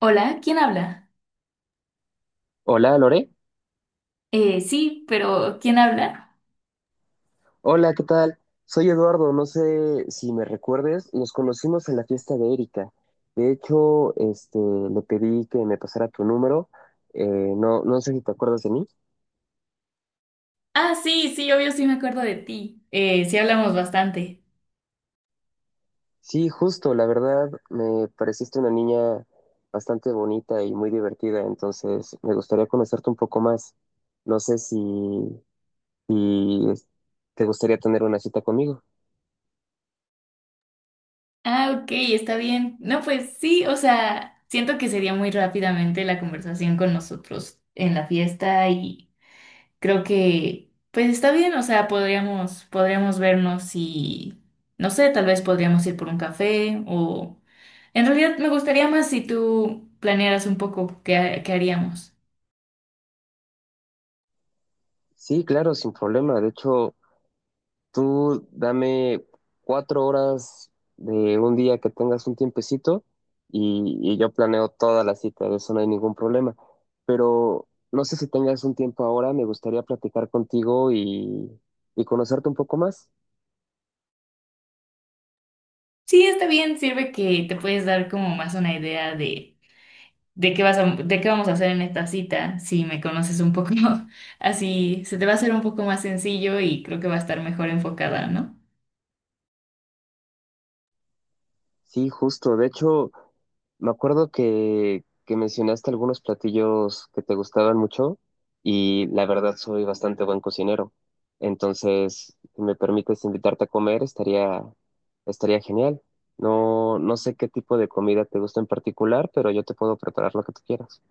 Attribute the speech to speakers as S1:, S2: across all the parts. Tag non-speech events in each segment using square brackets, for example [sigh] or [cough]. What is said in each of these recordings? S1: Hola, ¿quién habla?
S2: Hola, Lore.
S1: Sí, pero ¿quién habla?
S2: Hola, ¿qué tal? Soy Eduardo. No sé si me recuerdes. Nos conocimos en la fiesta de Erika. De hecho, le pedí que me pasara tu número. No, no sé si te acuerdas de mí.
S1: Ah, sí, sí, obvio, sí me acuerdo de ti. Sí hablamos bastante.
S2: Sí, justo. La verdad, me pareciste una niña bastante bonita y muy divertida. Entonces, me gustaría conocerte un poco más. No sé si te gustaría tener una cita conmigo.
S1: Ah, ok, está bien. No, pues sí, o sea, siento que sería muy rápidamente la conversación con nosotros en la fiesta y creo que, pues está bien, o sea, podríamos vernos y, no sé, tal vez podríamos ir por un café o... En realidad me gustaría más si tú planearas un poco qué, qué haríamos.
S2: Sí, claro, sin problema. De hecho. Tú dame 4 horas de un día que tengas un tiempecito y yo planeo toda la cita, de eso no hay ningún problema. Pero no sé si tengas un tiempo ahora, me gustaría platicar contigo y conocerte un poco más.
S1: Sí, está bien, sirve que te puedes dar como más una idea de qué vas a, de qué vamos a hacer en esta cita, si me conoces un poco, [laughs] así se te va a hacer un poco más sencillo y creo que va a estar mejor enfocada, ¿no?
S2: Sí, justo. De hecho, me acuerdo que mencionaste algunos platillos que te gustaban mucho y la verdad soy bastante buen cocinero. Entonces, si me permites invitarte a comer, estaría genial. No, no sé qué tipo de comida te gusta en particular, pero yo te puedo preparar lo que tú quieras.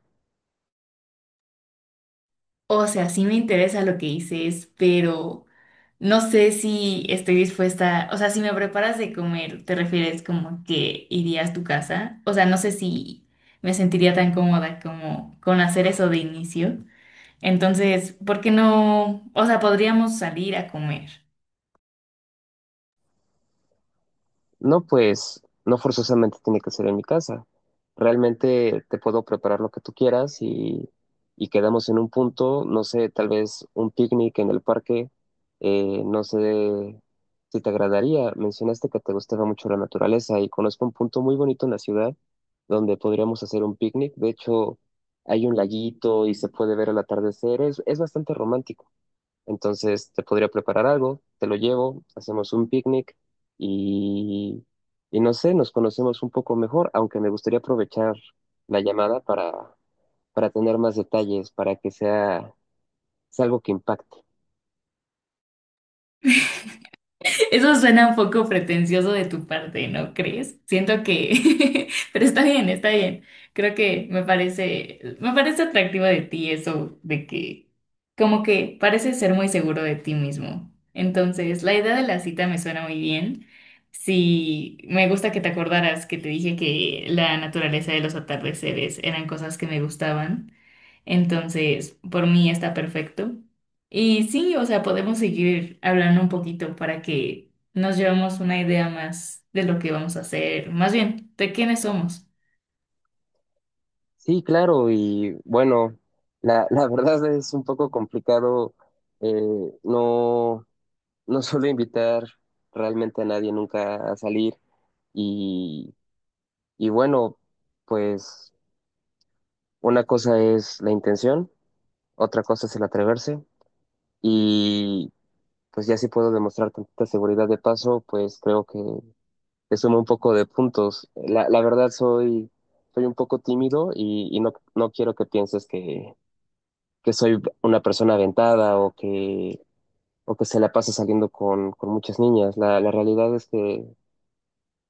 S1: O sea, sí me interesa lo que dices, pero no sé si estoy dispuesta, o sea, si me preparas de comer, ¿te refieres como que irías a tu casa? O sea, no sé si me sentiría tan cómoda como con hacer eso de inicio. Entonces, ¿por qué no? O sea, podríamos salir a comer.
S2: No, pues no forzosamente tiene que ser en mi casa. Realmente te puedo preparar lo que tú quieras y quedamos en un punto, no sé, tal vez un picnic en el parque, no sé si te agradaría. Mencionaste que te gustaba mucho la naturaleza y conozco un punto muy bonito en la ciudad donde podríamos hacer un picnic. De hecho, hay un laguito y se puede ver el atardecer. Es bastante romántico. Entonces te podría preparar algo, te lo llevo, hacemos un picnic y, y no sé, nos conocemos un poco mejor, aunque me gustaría aprovechar la llamada para tener más detalles, para que sea algo que impacte.
S1: [laughs] Eso suena un poco pretencioso de tu parte, ¿no crees? Siento que, [laughs] pero está bien, está bien. Creo que me parece atractivo de ti eso de que, como que pareces ser muy seguro de ti mismo. Entonces, la idea de la cita me suena muy bien. Sí, me gusta que te acordaras que te dije que la naturaleza de los atardeceres eran cosas que me gustaban. Entonces, por mí está perfecto. Y sí, o sea, podemos seguir hablando un poquito para que nos llevemos una idea más de lo que vamos a hacer, más bien, de quiénes somos.
S2: Sí, claro, y bueno, [laughs] la verdad es un poco complicado, eh, no, no suelo invitar realmente a nadie nunca a salir y, y bueno, pues una cosa es la intención. Otra cosa es el atreverse y pues ya si puedo demostrar tanta seguridad de paso, pues creo que le sumo un poco de puntos. La verdad soy un poco tímido y no quiero que pienses que soy una persona aventada o que se la pasa saliendo con muchas niñas. La realidad es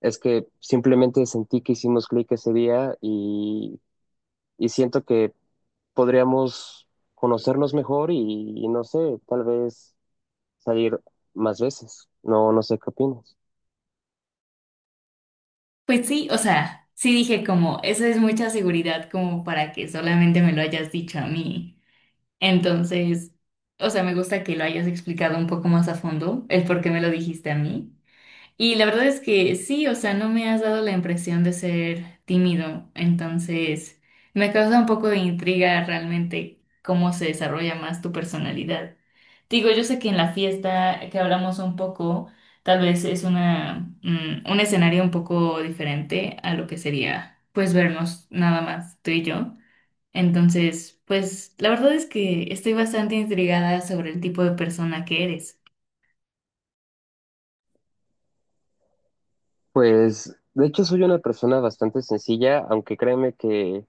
S2: es que simplemente sentí que hicimos clic ese día y siento que podríamos conocernos mejor y no sé, tal vez salir más veces. No, no sé qué opinas.
S1: Pues sí, o sea, sí dije como, esa es mucha seguridad como para que solamente me lo hayas dicho a mí. Entonces, o sea, me gusta que lo hayas explicado un poco más a fondo, el por qué me lo dijiste a mí. Y la verdad es que sí, o sea, no me has dado la impresión de ser tímido, entonces me causa un poco de intriga realmente cómo se desarrolla más tu personalidad. Digo, yo sé que en la fiesta que hablamos un poco, tal vez es una, un escenario un poco diferente a lo que sería, pues, vernos nada más tú y yo. Entonces, pues, la verdad es que estoy bastante intrigada sobre el tipo de persona que eres.
S2: Pues, de hecho, soy una persona bastante sencilla, aunque créeme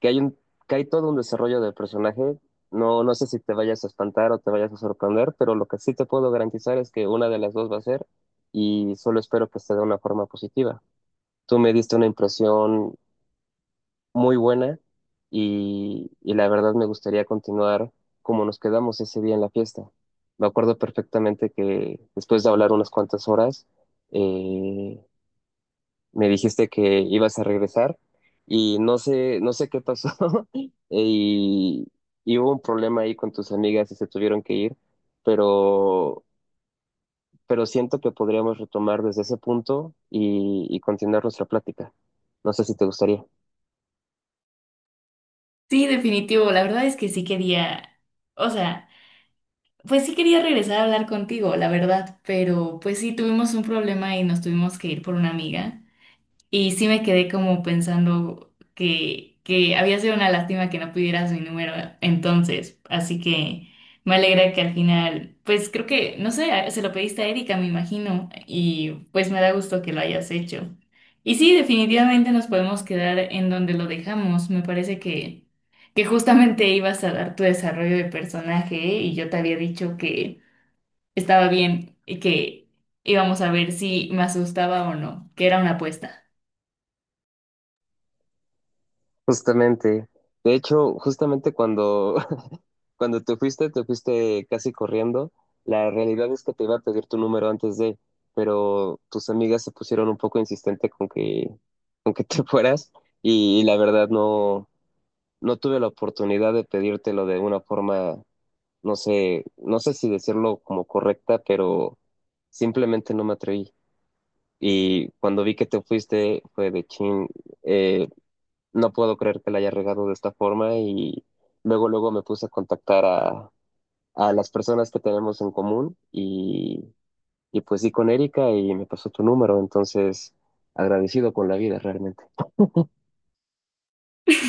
S2: que hay un, que hay todo un desarrollo del personaje. No, no sé si te vayas a espantar o te vayas a sorprender, pero lo que sí te puedo garantizar es que una de las dos va a ser, y solo espero que esté de una forma positiva. Tú me diste una impresión muy buena y la verdad me gustaría continuar como nos quedamos ese día en la fiesta. Me acuerdo perfectamente que después de hablar unas cuantas horas, eh, me dijiste que ibas a regresar y no sé, no sé qué pasó [laughs] y, y hubo un problema ahí con tus amigas y se tuvieron que ir, pero, pero siento que podríamos retomar desde ese punto y continuar nuestra plática. No sé si te gustaría.
S1: Sí, definitivo. La verdad es que sí quería, o sea, pues sí quería regresar a hablar contigo, la verdad, pero pues sí tuvimos un problema y nos tuvimos que ir por una amiga. Y sí me quedé como pensando que había sido una lástima que no pudieras mi número entonces. Así que me alegra que al final, pues creo que, no sé, se lo pediste a Erika, me imagino. Y pues me da gusto que lo hayas hecho. Y sí, definitivamente nos podemos quedar en donde lo dejamos. Me parece que justamente ibas a dar tu desarrollo de personaje ¿eh? Y yo te había dicho que estaba bien y que íbamos a ver si me asustaba o no, que era una apuesta.
S2: Justamente. De hecho, justamente [laughs] cuando te fuiste casi corriendo. La realidad es que te iba a pedir tu número antes de, pero tus amigas se pusieron un poco insistente con que te [laughs] fueras y, la verdad no tuve la oportunidad de pedírtelo de una forma, no sé, no sé si decirlo como correcta, pero simplemente no me atreví. Y cuando vi que te fuiste fue de chin. eh, no puedo creer que la haya regado de esta forma y luego, luego me puse a contactar a las personas que tenemos en común y pues sí con Erika y me pasó tu número, entonces agradecido con la vida realmente.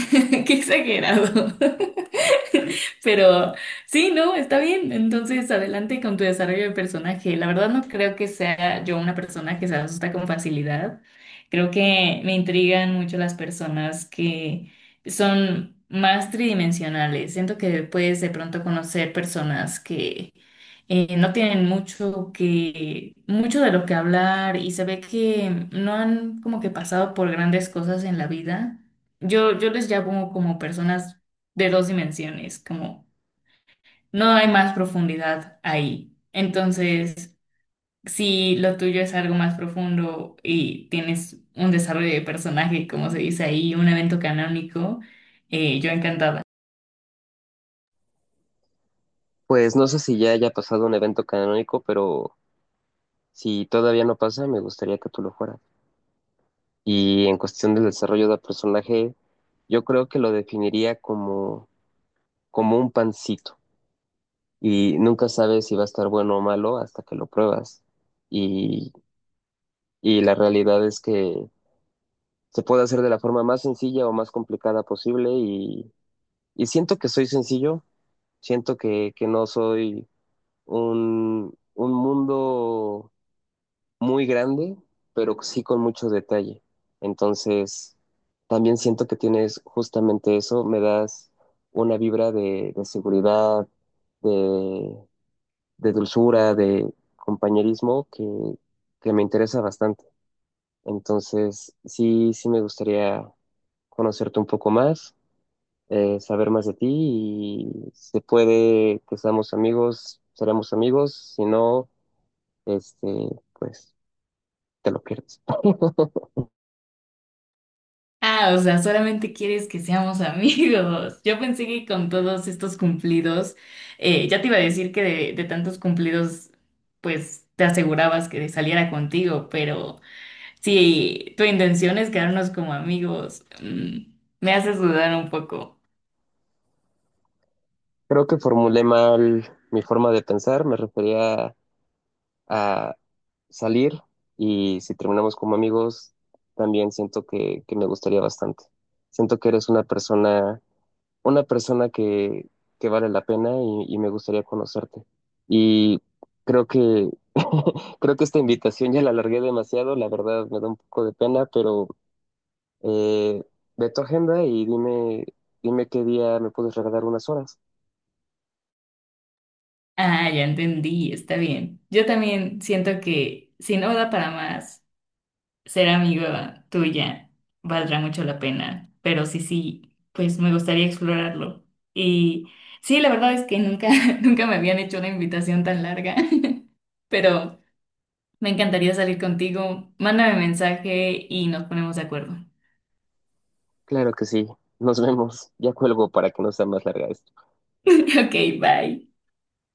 S1: [laughs] Qué exagerado. [laughs] Pero sí, no, está bien. Entonces, adelante con tu desarrollo de personaje. La verdad no creo que sea yo una persona que se asusta con facilidad. Creo que me intrigan mucho las personas que son más tridimensionales. Siento que puedes de pronto conocer personas que no tienen mucho que, mucho de lo que hablar y se ve que no han como que pasado por grandes cosas en la vida yo, yo les llamo como personas de dos dimensiones, como no hay más profundidad ahí. Entonces, si lo tuyo es algo más profundo y tienes un desarrollo de personaje, como se dice ahí, un evento canónico, yo encantada.
S2: Pues no sé si ya haya pasado un evento canónico, pero si todavía no pasa, me gustaría que tú lo fueras. Y en cuestión del desarrollo del personaje, yo creo que lo definiría como un pancito. Y nunca sabes si va a estar bueno o malo hasta que lo pruebas. Y y la realidad es que se puede hacer de la forma más sencilla o más complicada posible y siento que soy sencillo, siento que no soy un mundo muy grande, pero sí con mucho detalle. Entonces, también siento que tienes justamente eso, me das una vibra de seguridad, de, de dulzura, de compañerismo que me interesa bastante. Entonces, sí, sí me gustaría conocerte un poco más, saber más de ti y se puede que seamos amigos, seremos amigos, si no, este, pues te lo pierdes.
S1: Ah, o sea, solamente quieres que seamos [laughs] amigos. Yo pensé que con todos estos cumplidos, ya te iba a decir que de tantos cumplidos, pues te asegurabas que saliera contigo, pero... Si tu intención es quedarnos como amigos, me haces dudar un poco.
S2: Creo que formulé mal mi forma de pensar, me refería a salir y si terminamos como amigos, también siento que me gustaría bastante. Siento que eres una persona que vale la pena y me gustaría conocerte. Y creo que, [laughs] creo que esta invitación ya la alargué demasiado, la verdad me da un poco de pena, pero eh, ve tu agenda y dime, dime qué día me puedes regalar unas horas.
S1: Ah, ya entendí, está bien. Yo también siento que si no da para más, ser amiga tuya valdrá mucho la pena. Pero sí, sí, pues me gustaría explorarlo. Y sí, la verdad es que nunca, [laughs] nunca me habían hecho una invitación tan larga. [laughs] Pero me encantaría salir contigo. Mándame mensaje y nos ponemos de acuerdo. [laughs]
S2: Claro que sí, nos vemos. Ya cuelgo para que no sea más larga esta.
S1: Ok, bye.